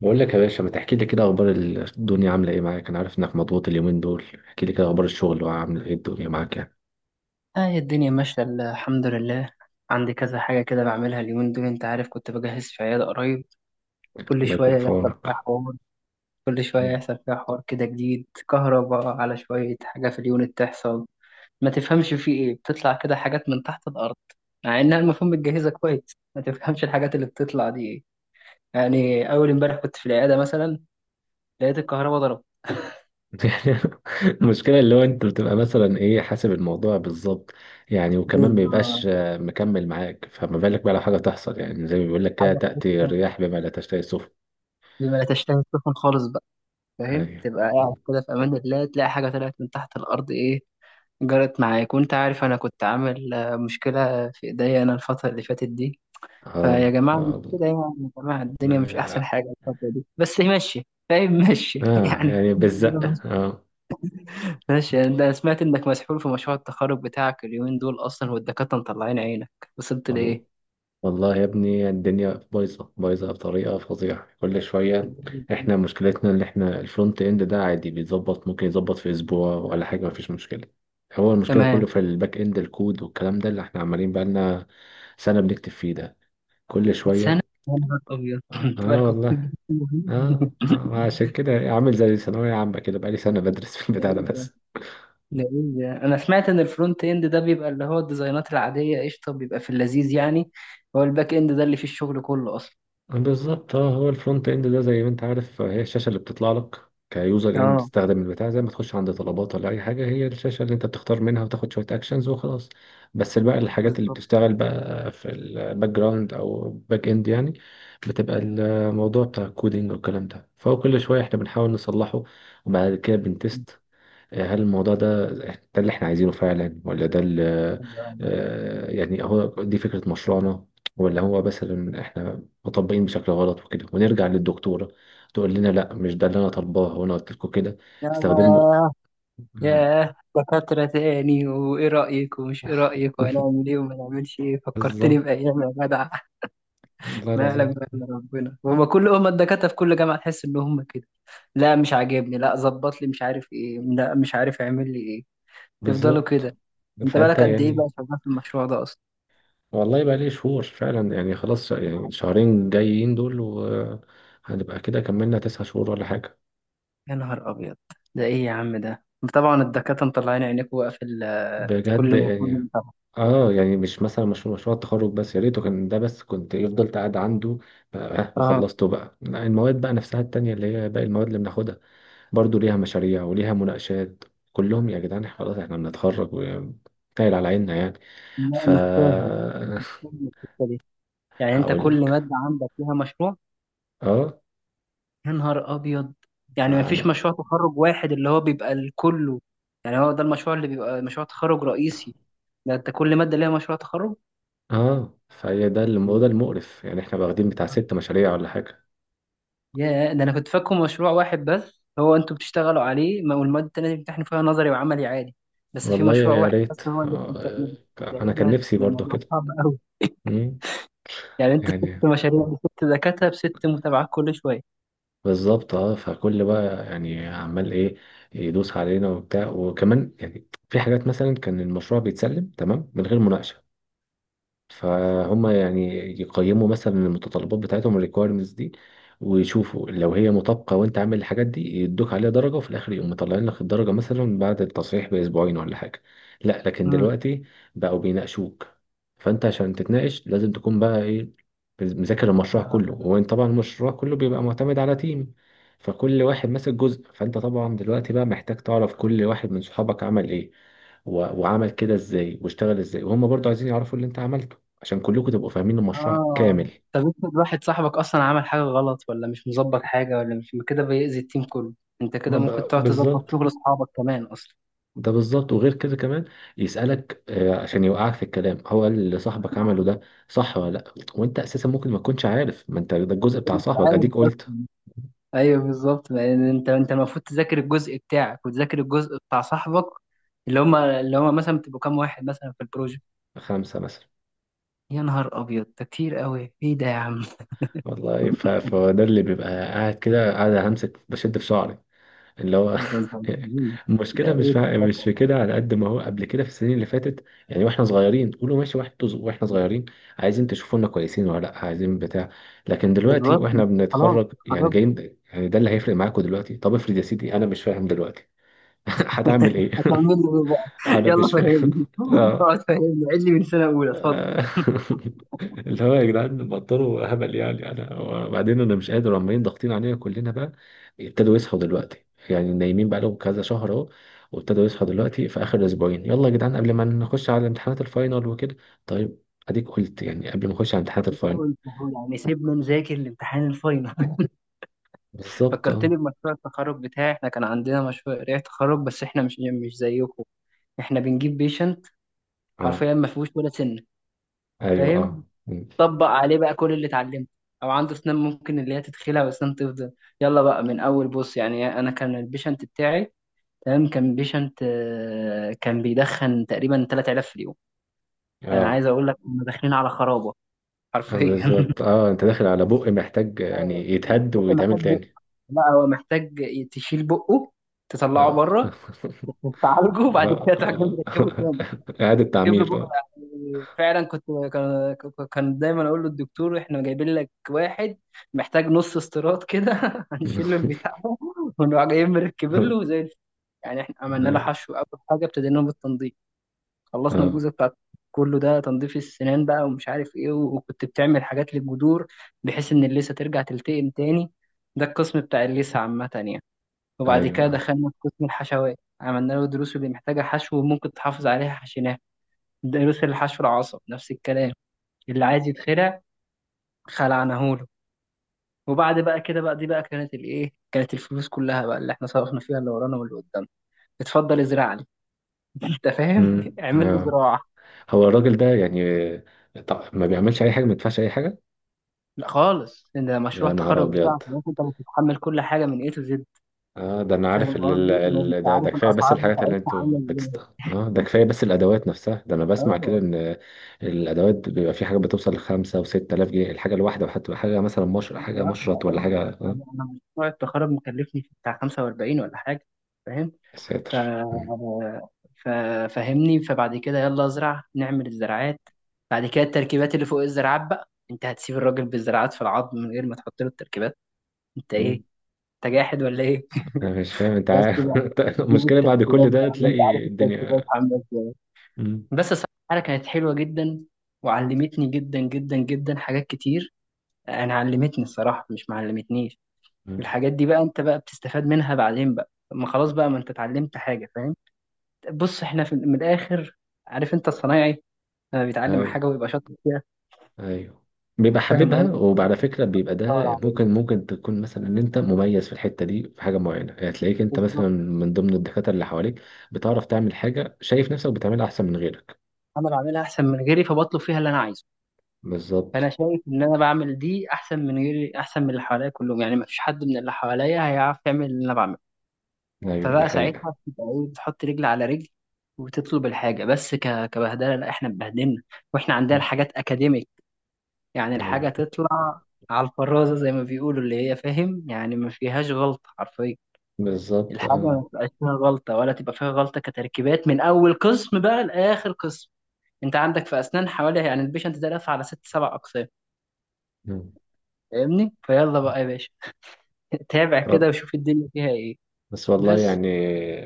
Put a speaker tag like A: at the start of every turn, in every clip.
A: بقول لك يا باشا، ما تحكي لي كده اخبار الدنيا عامله ايه معاك. انا عارف انك مضغوط اليومين دول. احكي لي كده اخبار الشغل وعامله ايه الدنيا معاك يعني.
B: اه، هي الدنيا ماشية الحمد لله. عندي كذا حاجة كده بعملها اليومين دول. انت عارف كنت بجهز في عيادة قريب، كل
A: الله يكون
B: شوية
A: في
B: يحصل فيها
A: عونك.
B: حوار. كده جديد، كهرباء على شوية حاجة في اليونت تحصل. ما تفهمش في ايه بتطلع كده حاجات من تحت الأرض، مع انها المفروض متجهزة كويس. ما تفهمش الحاجات اللي بتطلع دي ايه. يعني أول امبارح كنت في العيادة مثلا، لقيت الكهرباء ضربت.
A: يعني المشكله اللي هو انت بتبقى مثلا ايه، حاسب الموضوع بالظبط يعني. وكمان ما بيبقاش
B: جزء-
A: مكمل معاك، فما بالك بقى لو حاجه تحصل. يعني زي ما بيقول لك كده،
B: حاجة
A: تاتي الرياح بما لا تشتهي السفن.
B: بما لا تشتهي السفن خالص. فاهم،
A: ايوه.
B: تبقى قاعد كده في امان الله تلاقي حاجه طلعت من تحت الارض، ايه جرت معاك. وانت عارف انا كنت عامل مشكله في ايديا انا الفتره اللي فاتت دي،
A: اه
B: فيا جماعه، مش كده يعني يا جماعه؟ الدنيا مش احسن حاجه الفتره دي، بس ماشي، فاهم، ماشي
A: اه،
B: يعني.
A: يعني بالزق اه.
B: ماشي يعني. ده أنا سمعت انك مسحول في مشروع التخرج بتاعك اليومين دول اصلا، والدكاتره مطلعين عينك. وصلت
A: والله
B: لايه؟
A: والله يا ابني، الدنيا بايظة بايظة بطريقة فظيعة كل شوية. احنا مشكلتنا اللي احنا الفرونت اند ده عادي بيتظبط، ممكن يتظبط في اسبوع ولا حاجة، مفيش مشكلة. هو المشكلة كله
B: تمام.
A: في الباك اند، الكود والكلام ده اللي احنا عمالين بقالنا سنة بنكتب فيه ده كل شوية.
B: سنه؟ يا نهار ابيض
A: اه
B: تبارك الله.
A: والله. اه عشان كده عامل زي ثانوية عامة كده بقالي سنة بدرس في البتاع ده بس.
B: لأن انا سمعت ان الفرونت اند ده بيبقى اللي هو الديزاينات العاديه، قشطه، بيبقى في اللذيذ يعني. هو الباك اند ده اللي فيه الشغل كله اصلا.
A: بالظبط اه، هو الفرونت اند ده زي ما انت عارف هي الشاشه اللي بتطلع لك كيوزر، يعني
B: اه.
A: بتستخدم البتاع زي ما تخش عند طلبات ولا اي حاجه، هي الشاشه اللي انت بتختار منها وتاخد شويه اكشنز وخلاص. بس بقى الحاجات اللي
B: بالظبط.
A: بتشتغل بقى في الباك جراوند او باك اند يعني. بتبقى الموضوع بتاع الكودينج والكلام ده، فهو كل شويه احنا بنحاول نصلحه وبعد كده بنتست هل الموضوع ده اللي احنا عايزينه فعلا، ولا ده اللي يعني هو دي فكرة مشروعنا، ولا هو مثلا احنا مطبقين بشكل غلط وكده، ونرجع للدكتورة تقول لنا لا، مش ده اللي انا طالباه وانا قلت لكم كده استخدمه.
B: ياه.
A: مم.
B: ياه، دكاترة تاني، وإيه رأيك ومش إيه رأيك، وهنعمل إيه وما نعملش إيه. فكرتني
A: بالظبط
B: بأيام يا جدع.
A: والله
B: ما يعلم
A: العظيم.
B: بها إلا ربنا. هما كل هما الدكاترة في كل جامعة، تحس إن هما كده: لا مش عاجبني، لا ظبط لي، مش عارف إيه، لا مش عارف اعمل لي إيه. تفضلوا
A: بالظبط
B: كده. أنت
A: فانت
B: بالك قد إيه بقى
A: يعني،
B: شغال في المشروع ده أصلا؟
A: والله بقى لي شهور فعلا يعني، خلاص يعني شهرين جايين دول وهنبقى كده كملنا 9 شهور ولا حاجة.
B: يا نهار أبيض. ده إيه يا عم ده؟ طبعا الدكاترة مطلعين عينيك. وقف ال-
A: بجد
B: كل
A: يعني.
B: ما
A: اه يعني مش مثلا مشروع التخرج بس، يا ريته كان ده بس كنت فضلت قاعد عنده بقى
B: اه.
A: وخلصته بقى. لا، المواد بقى نفسها التانية اللي هي باقي المواد اللي بناخدها برضو ليها مشاريع وليها مناقشات. كلهم يا جدعان، خلاص احنا بنتخرج وتايل على عيننا يعني.
B: لا
A: ف
B: مش فاهم، فاهم القصة دي. يعني أنت
A: هقول
B: كل
A: لك.
B: مادة عندك فيها مشروع؟
A: اه
B: يا نهار أبيض. يعني ما فيش
A: فانا،
B: مشروع تخرج واحد اللي هو بيبقى لكله؟ يعني هو ده المشروع اللي بيبقى مشروع تخرج رئيسي، ده أنت كل مادة ليها مشروع تخرج.
A: اه فهي ده المقرف، يعني احنا واخدين بتاع ست مشاريع ولا حاجة.
B: يا ده انا كنت فاكره مشروع واحد بس هو انتوا بتشتغلوا عليه، والمواد التانية بتمتحنوا فيها نظري وعملي عادي، بس في
A: والله
B: مشروع
A: يا
B: واحد
A: ريت،
B: بس هو اللي بتمتحنوا فيه. ده
A: انا
B: ايه
A: كان
B: ده،
A: نفسي
B: ده
A: برضو
B: الموضوع
A: كده.
B: صعب قوي.
A: مم.
B: يعني انت ست
A: يعني
B: مشاريع بست دكاترة بست متابعات كل شوية.
A: بالظبط اه، فكل بقى يعني عمال ايه يدوس علينا وبتاع، وكمان يعني في حاجات مثلا كان المشروع بيتسلم تمام من غير مناقشة، فهم يعني يقيموا مثلا المتطلبات بتاعتهم، الريكويرمنتس دي، ويشوفوا لو هي مطابقة وانت عامل الحاجات دي، يدوك عليها درجة، وفي الآخر يقوم مطلعين لك الدرجة مثلا بعد التصحيح بأسبوعين ولا حاجة. لا، لكن
B: امم.
A: دلوقتي بقوا بيناقشوك، فانت عشان تتناقش لازم تكون بقى ايه، مذاكر المشروع كله. وانت طبعا المشروع كله بيبقى معتمد على تيم، فكل واحد ماسك جزء، فانت طبعا دلوقتي بقى محتاج تعرف كل واحد من صحابك عمل ايه وعمل كده ازاي واشتغل ازاي، وهم برضو عايزين يعرفوا اللي انت عملته عشان كلكم تبقوا فاهمين المشروع
B: اه،
A: كامل.
B: طب افرض واحد صاحبك اصلا عمل حاجة غلط ولا مش مظبط حاجة ولا مش كده، بيأذي التيم كله. انت
A: ما
B: كده ممكن تقعد تظبط
A: بالظبط.
B: شغل اصحابك كمان اصلا.
A: ده بالظبط، وغير كده كمان يسألك عشان يوقعك في الكلام، هو اللي صاحبك عمله ده صح ولا لا، وانت اساسا ممكن ما تكونش عارف، ما انت ده الجزء بتاع
B: مش
A: صاحبك.
B: عارف
A: اديك قلت،
B: أصلاً. ايوه بالظبط، لان انت المفروض تذاكر الجزء بتاعك وتذاكر الجزء بتاع صاحبك. اللي هما مثلا بتبقوا كام واحد مثلا في البروجكت؟
A: خمسة مثلا.
B: يا نهار ابيض، ده كتير قوي، ايه ده يا عم؟
A: والله فده اللي بيبقى قاعد كده، قاعد همسك بشد في شعري، اللي هو.
B: ده انت. ده
A: المشكله مش
B: ايه ده
A: في مش
B: بجد؟
A: في كده، على قد ما هو قبل كده في السنين اللي فاتت يعني واحنا صغيرين، تقولوا ماشي واحد واحنا صغيرين عايزين تشوفونا كويسين ولا لا، عايزين بتاع. لكن دلوقتي
B: بالظبط.
A: واحنا
B: خلاص
A: بنتخرج، يعني
B: اتخرجنا.
A: جايين يعني ده اللي هيفرق معاكم دلوقتي. طب افرض يا سيدي انا مش فاهم دلوقتي. هتعمل ايه؟
B: هتعمل لي ايه بقى؟
A: انا
B: يلا
A: مش فاهم.
B: فهمني، اقعد فهمني، عيد لي من سنه اولى، اتفضل.
A: آه. اللي هو يا جدعان، بطلوا هبل يعني، انا وبعدين انا مش قادر، عمالين ضاغطين علينا كلنا بقى. ابتدوا يصحوا دلوقتي، يعني نايمين بقى لهم كذا شهر اهو، وابتدوا يصحوا دلوقتي في اخر اسبوعين، يلا يا جدعان قبل ما نخش على امتحانات الفاينل وكده. طيب. اديك قلت يعني قبل ما نخش على امتحانات
B: انت
A: الفاينل.
B: قلت أهو يعني، سيبنا نذاكر لامتحان الفاينل.
A: بالظبط اه.
B: فكرتني بمشروع التخرج بتاعي. احنا كان عندنا مشروع قرايه تخرج، بس احنا مش زيكم. احنا بنجيب بيشنت،
A: اه.
B: حرفيا ما فيهوش ولا سن،
A: ايوه اه
B: فاهم؟
A: م.
B: طبق عليه بقى كل اللي اتعلمته، او عنده اسنان ممكن اللي هي تتخلع واسنان تفضل. يلا بقى من اول، بص يعني انا كان البيشنت بتاعي تمام، كان بيشنت كان بيدخن تقريبا 3000 في اليوم. انا
A: اه
B: عايز اقول لك كنا داخلين على خرابه
A: آه،
B: حرفيا.
A: بالظبط اه، انت داخل على بق محتاج
B: آه،
A: يعني يتهد
B: بق
A: ويتعمل
B: محتاج.
A: تاني.
B: لا هو محتاج تشيل بقه، تطلعه
A: اه
B: بره، تعالجه وبعد
A: آه،
B: كده تحكم
A: آه.
B: تركبه.
A: إعادة
B: جيب له
A: تعمير
B: بق.
A: اه.
B: يعني فعلا كنت كان كان دايما اقول له الدكتور احنا جايبين لك واحد محتاج نص استيراد كده، هنشيل له البتاع ده ونروح جايين مركبين له زي الفل. يعني احنا عملنا له حشو. اول حاجه ابتدينا بالتنظيف، خلصنا
A: اه
B: الجزء بتاع كله ده تنظيف السنان بقى ومش عارف ايه، وكنت بتعمل حاجات للجذور بحيث ان اللثه ترجع تلتئم تاني. ده القسم بتاع اللثه عامه يعني. وبعد
A: ايوه
B: كده دخلنا في قسم الحشوات، عملنا له دروس اللي محتاجه حشو وممكن تحافظ عليها حشيناها. ضرس الحشو العصب نفس الكلام. اللي عايز يتخلع خلعناه له. وبعد بقى كده بقى، دي بقى كانت الايه، كانت الفلوس كلها بقى اللي احنا صرفنا فيها اللي ورانا واللي قدامنا. اتفضل ازرع لي، انت فاهم؟
A: مم.
B: اعمل لي
A: اه
B: زراعه.
A: هو الراجل ده يعني، طب ما بيعملش اي حاجه؟ ما يدفعش اي حاجه؟
B: لا خالص، ان ده مشروع
A: يا نهار
B: التخرج بتاعك،
A: ابيض.
B: انت اللي بتتحمل كل حاجه من ايه، تو زد.
A: اه ده انا
B: فاهم
A: عارف ال ال
B: قصدي؟ لو مش
A: ال ده ده
B: عارف
A: كفايه، بس
B: الاسعار
A: الحاجات اللي
B: بتاعتها
A: انتوا
B: عامله
A: بتست.
B: ازاي.
A: اه ده كفايه، بس الادوات نفسها، ده انا بسمع كده
B: اه،
A: ان الادوات بيبقى في حاجه بتوصل لخمسة وستة آلاف جنيه الحاجه الواحده، وحتى حاجه مثلا، مش
B: حاجه
A: حاجه
B: واحده
A: مشرط ولا
B: اه.
A: حاجه اه.
B: انا مشروع التخرج مكلفني في بتاع 45 ولا حاجه، فاهم؟
A: يا
B: ف...
A: ساتر.
B: ف... فاهمني؟ فبعد كده يلا ازرع، نعمل الزراعات. بعد كده التركيبات اللي فوق الزراعات بقى، انت هتسيب الراجل بالزراعات في العظم من غير ما تحط له التركيبات؟ انت ايه،
A: مم.
B: انت جاحد ولا ايه؟
A: انا مش فاهم انت
B: بس
A: عارف.
B: بقى جيب
A: المشكله بعد
B: التركيبات
A: كل ده
B: بقى، انت عارف
A: تلاقي
B: التركيبات
A: الدنيا.
B: عامله ازاي.
A: مم.
B: بس الصراحه الحاله كانت حلوه جدا، وعلمتني جدا جدا جدا حاجات كتير. انا علمتني الصراحه، مش معلمتنيش.
A: مم.
B: الحاجات دي بقى انت بقى بتستفاد منها بعدين بقى، ما خلاص بقى، ما انت اتعلمت حاجه، فاهم؟ بص احنا في من الاخر، عارف انت الصنايعي لما بيتعلم
A: ايوه
B: حاجه ويبقى شاطر فيها؟
A: ايوه، بيبقى
B: فاهم
A: حاببها
B: قصدي؟
A: وعلى فكره بيبقى
B: بدور
A: ده.
B: على-
A: ممكن تكون مثلا ان انت مميز في الحته دي في حاجه معينه، يعني تلاقيك انت
B: بالظبط،
A: مثلا من ضمن الدكاتره اللي حواليك بتعرف تعمل حاجه شايف نفسك بتعملها احسن من غيرك.
B: انا بعملها احسن من غيري فبطلب فيها اللي انا عايزه. فانا
A: بالظبط.
B: شايف ان انا بعمل دي احسن من غيري، احسن من اللي حواليا كلهم، يعني ما فيش حد من اللي حواليا هيعرف يعمل اللي انا بعمله.
A: ايوه دي
B: فبقى
A: حقيقه.
B: ساعتها بتبقى ايه، بتحط رجل على رجل وتطلب الحاجه. كبهدله؟ لا، احنا اتبهدلنا، واحنا عندنا
A: مم.
B: الحاجات اكاديميك. يعني
A: ايوه
B: الحاجه تطلع على الفرازه زي ما بيقولوا، اللي هي فاهم يعني، ما فيهاش غلط حرفيا.
A: بالظبط
B: الحاجة
A: اه.
B: ما تبقاش فيها غلطة، ولا تبقى فيها غلطة، كتركيبات من أول قسم بقى لآخر قسم. أنت عندك في أسنان حوالي، يعني البيشنت ده لف على ست سبع أقسام.
A: مم.
B: فاهمني؟ فيلا بقى يا باشا، تابع كده
A: طب
B: وشوف الدنيا فيها إيه.
A: بس والله
B: بس
A: يعني،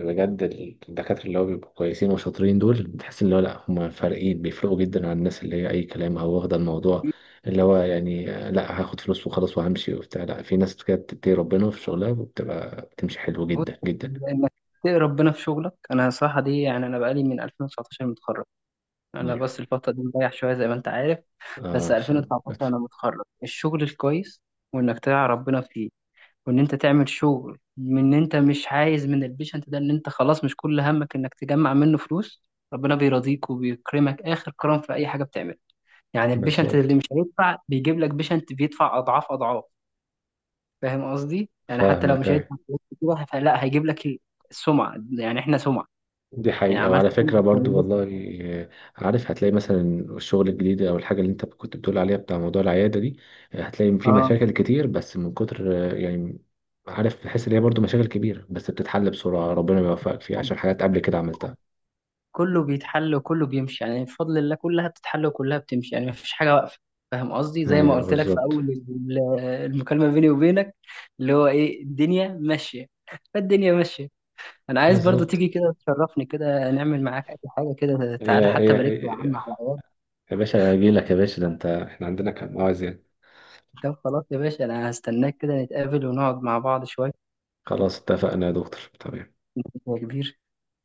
A: بجد الدكاترة اللي هو بيبقوا كويسين وشاطرين دول، بتحس اللي هو لأ، هم فارقين، بيفرقوا جدا عن الناس اللي هي أي كلام، أو واخدة الموضوع اللي هو يعني لأ، هاخد فلوس وخلاص وهمشي وبتاع. لأ، في ناس كده بتتقي ربنا في شغلها وبتبقى بتمشي حلو
B: بص،
A: جدا جدا.
B: إنك تقي ربنا في شغلك، أنا صراحة دي يعني، أنا بقالي من 2019 متخرج. أنا بس
A: أيوه
B: الفترة دي مريح شوية زي ما أنت عارف. بس
A: عشان.
B: 2019 أنا متخرج. الشغل الكويس وإنك تقي ربنا فيه، وان انت تعمل شغل من ان انت مش عايز من البيشنت ده، ان انت خلاص مش كل همك انك تجمع منه فلوس، ربنا بيرضيك وبيكرمك اخر كرم في اي حاجه بتعملها. يعني البيشنت اللي
A: بالظبط.
B: مش هيدفع بيجيب لك بيشنت بيدفع اضعاف اضعاف. فاهم قصدي؟ يعني حتى لو
A: فاهمك
B: مش
A: أيوه.
B: هيدفع فلوس كتير، فلا هيجيب لك السمعه. يعني احنا سمعه،
A: دي
B: يعني
A: حقيقة،
B: عملت
A: وعلى فكرة
B: سمعه
A: برضو
B: كويسه.
A: والله. آه، عارف هتلاقي مثلا الشغل الجديد أو الحاجة اللي أنت كنت بتقول عليها، بتاع موضوع العيادة دي، هتلاقي في
B: اه،
A: مشاكل كتير، بس من كتر يعني عارف، بحس إن هي برضو مشاكل كبيرة بس بتتحل بسرعة، ربنا يوفقك فيها عشان حاجات قبل كده عملتها.
B: كله بيتحل وكله بيمشي، يعني بفضل الله كلها بتتحل وكلها بتمشي، يعني مفيش حاجة واقفة. فاهم قصدي؟ زي ما
A: أيوه
B: قلت لك في
A: بالظبط.
B: أول المكالمة بيني وبينك، اللي هو إيه، الدنيا ماشية، فالدنيا ماشية. أنا عايز برضو
A: بالظبط.
B: تيجي كده تشرفني، كده نعمل معاك أي حاجة، كده تعالى
A: يا
B: حتى
A: يا
B: بارك لي يا عم
A: يا
B: على العيال.
A: يا باشا، أجيلك يا باشا، ده أنت إحنا عندنا كان مواعيد يعني.
B: طب خلاص يا باشا، أنا هستناك كده، نتقابل ونقعد مع بعض شوية.
A: خلاص اتفقنا يا دكتور، تمام.
B: يا كبير.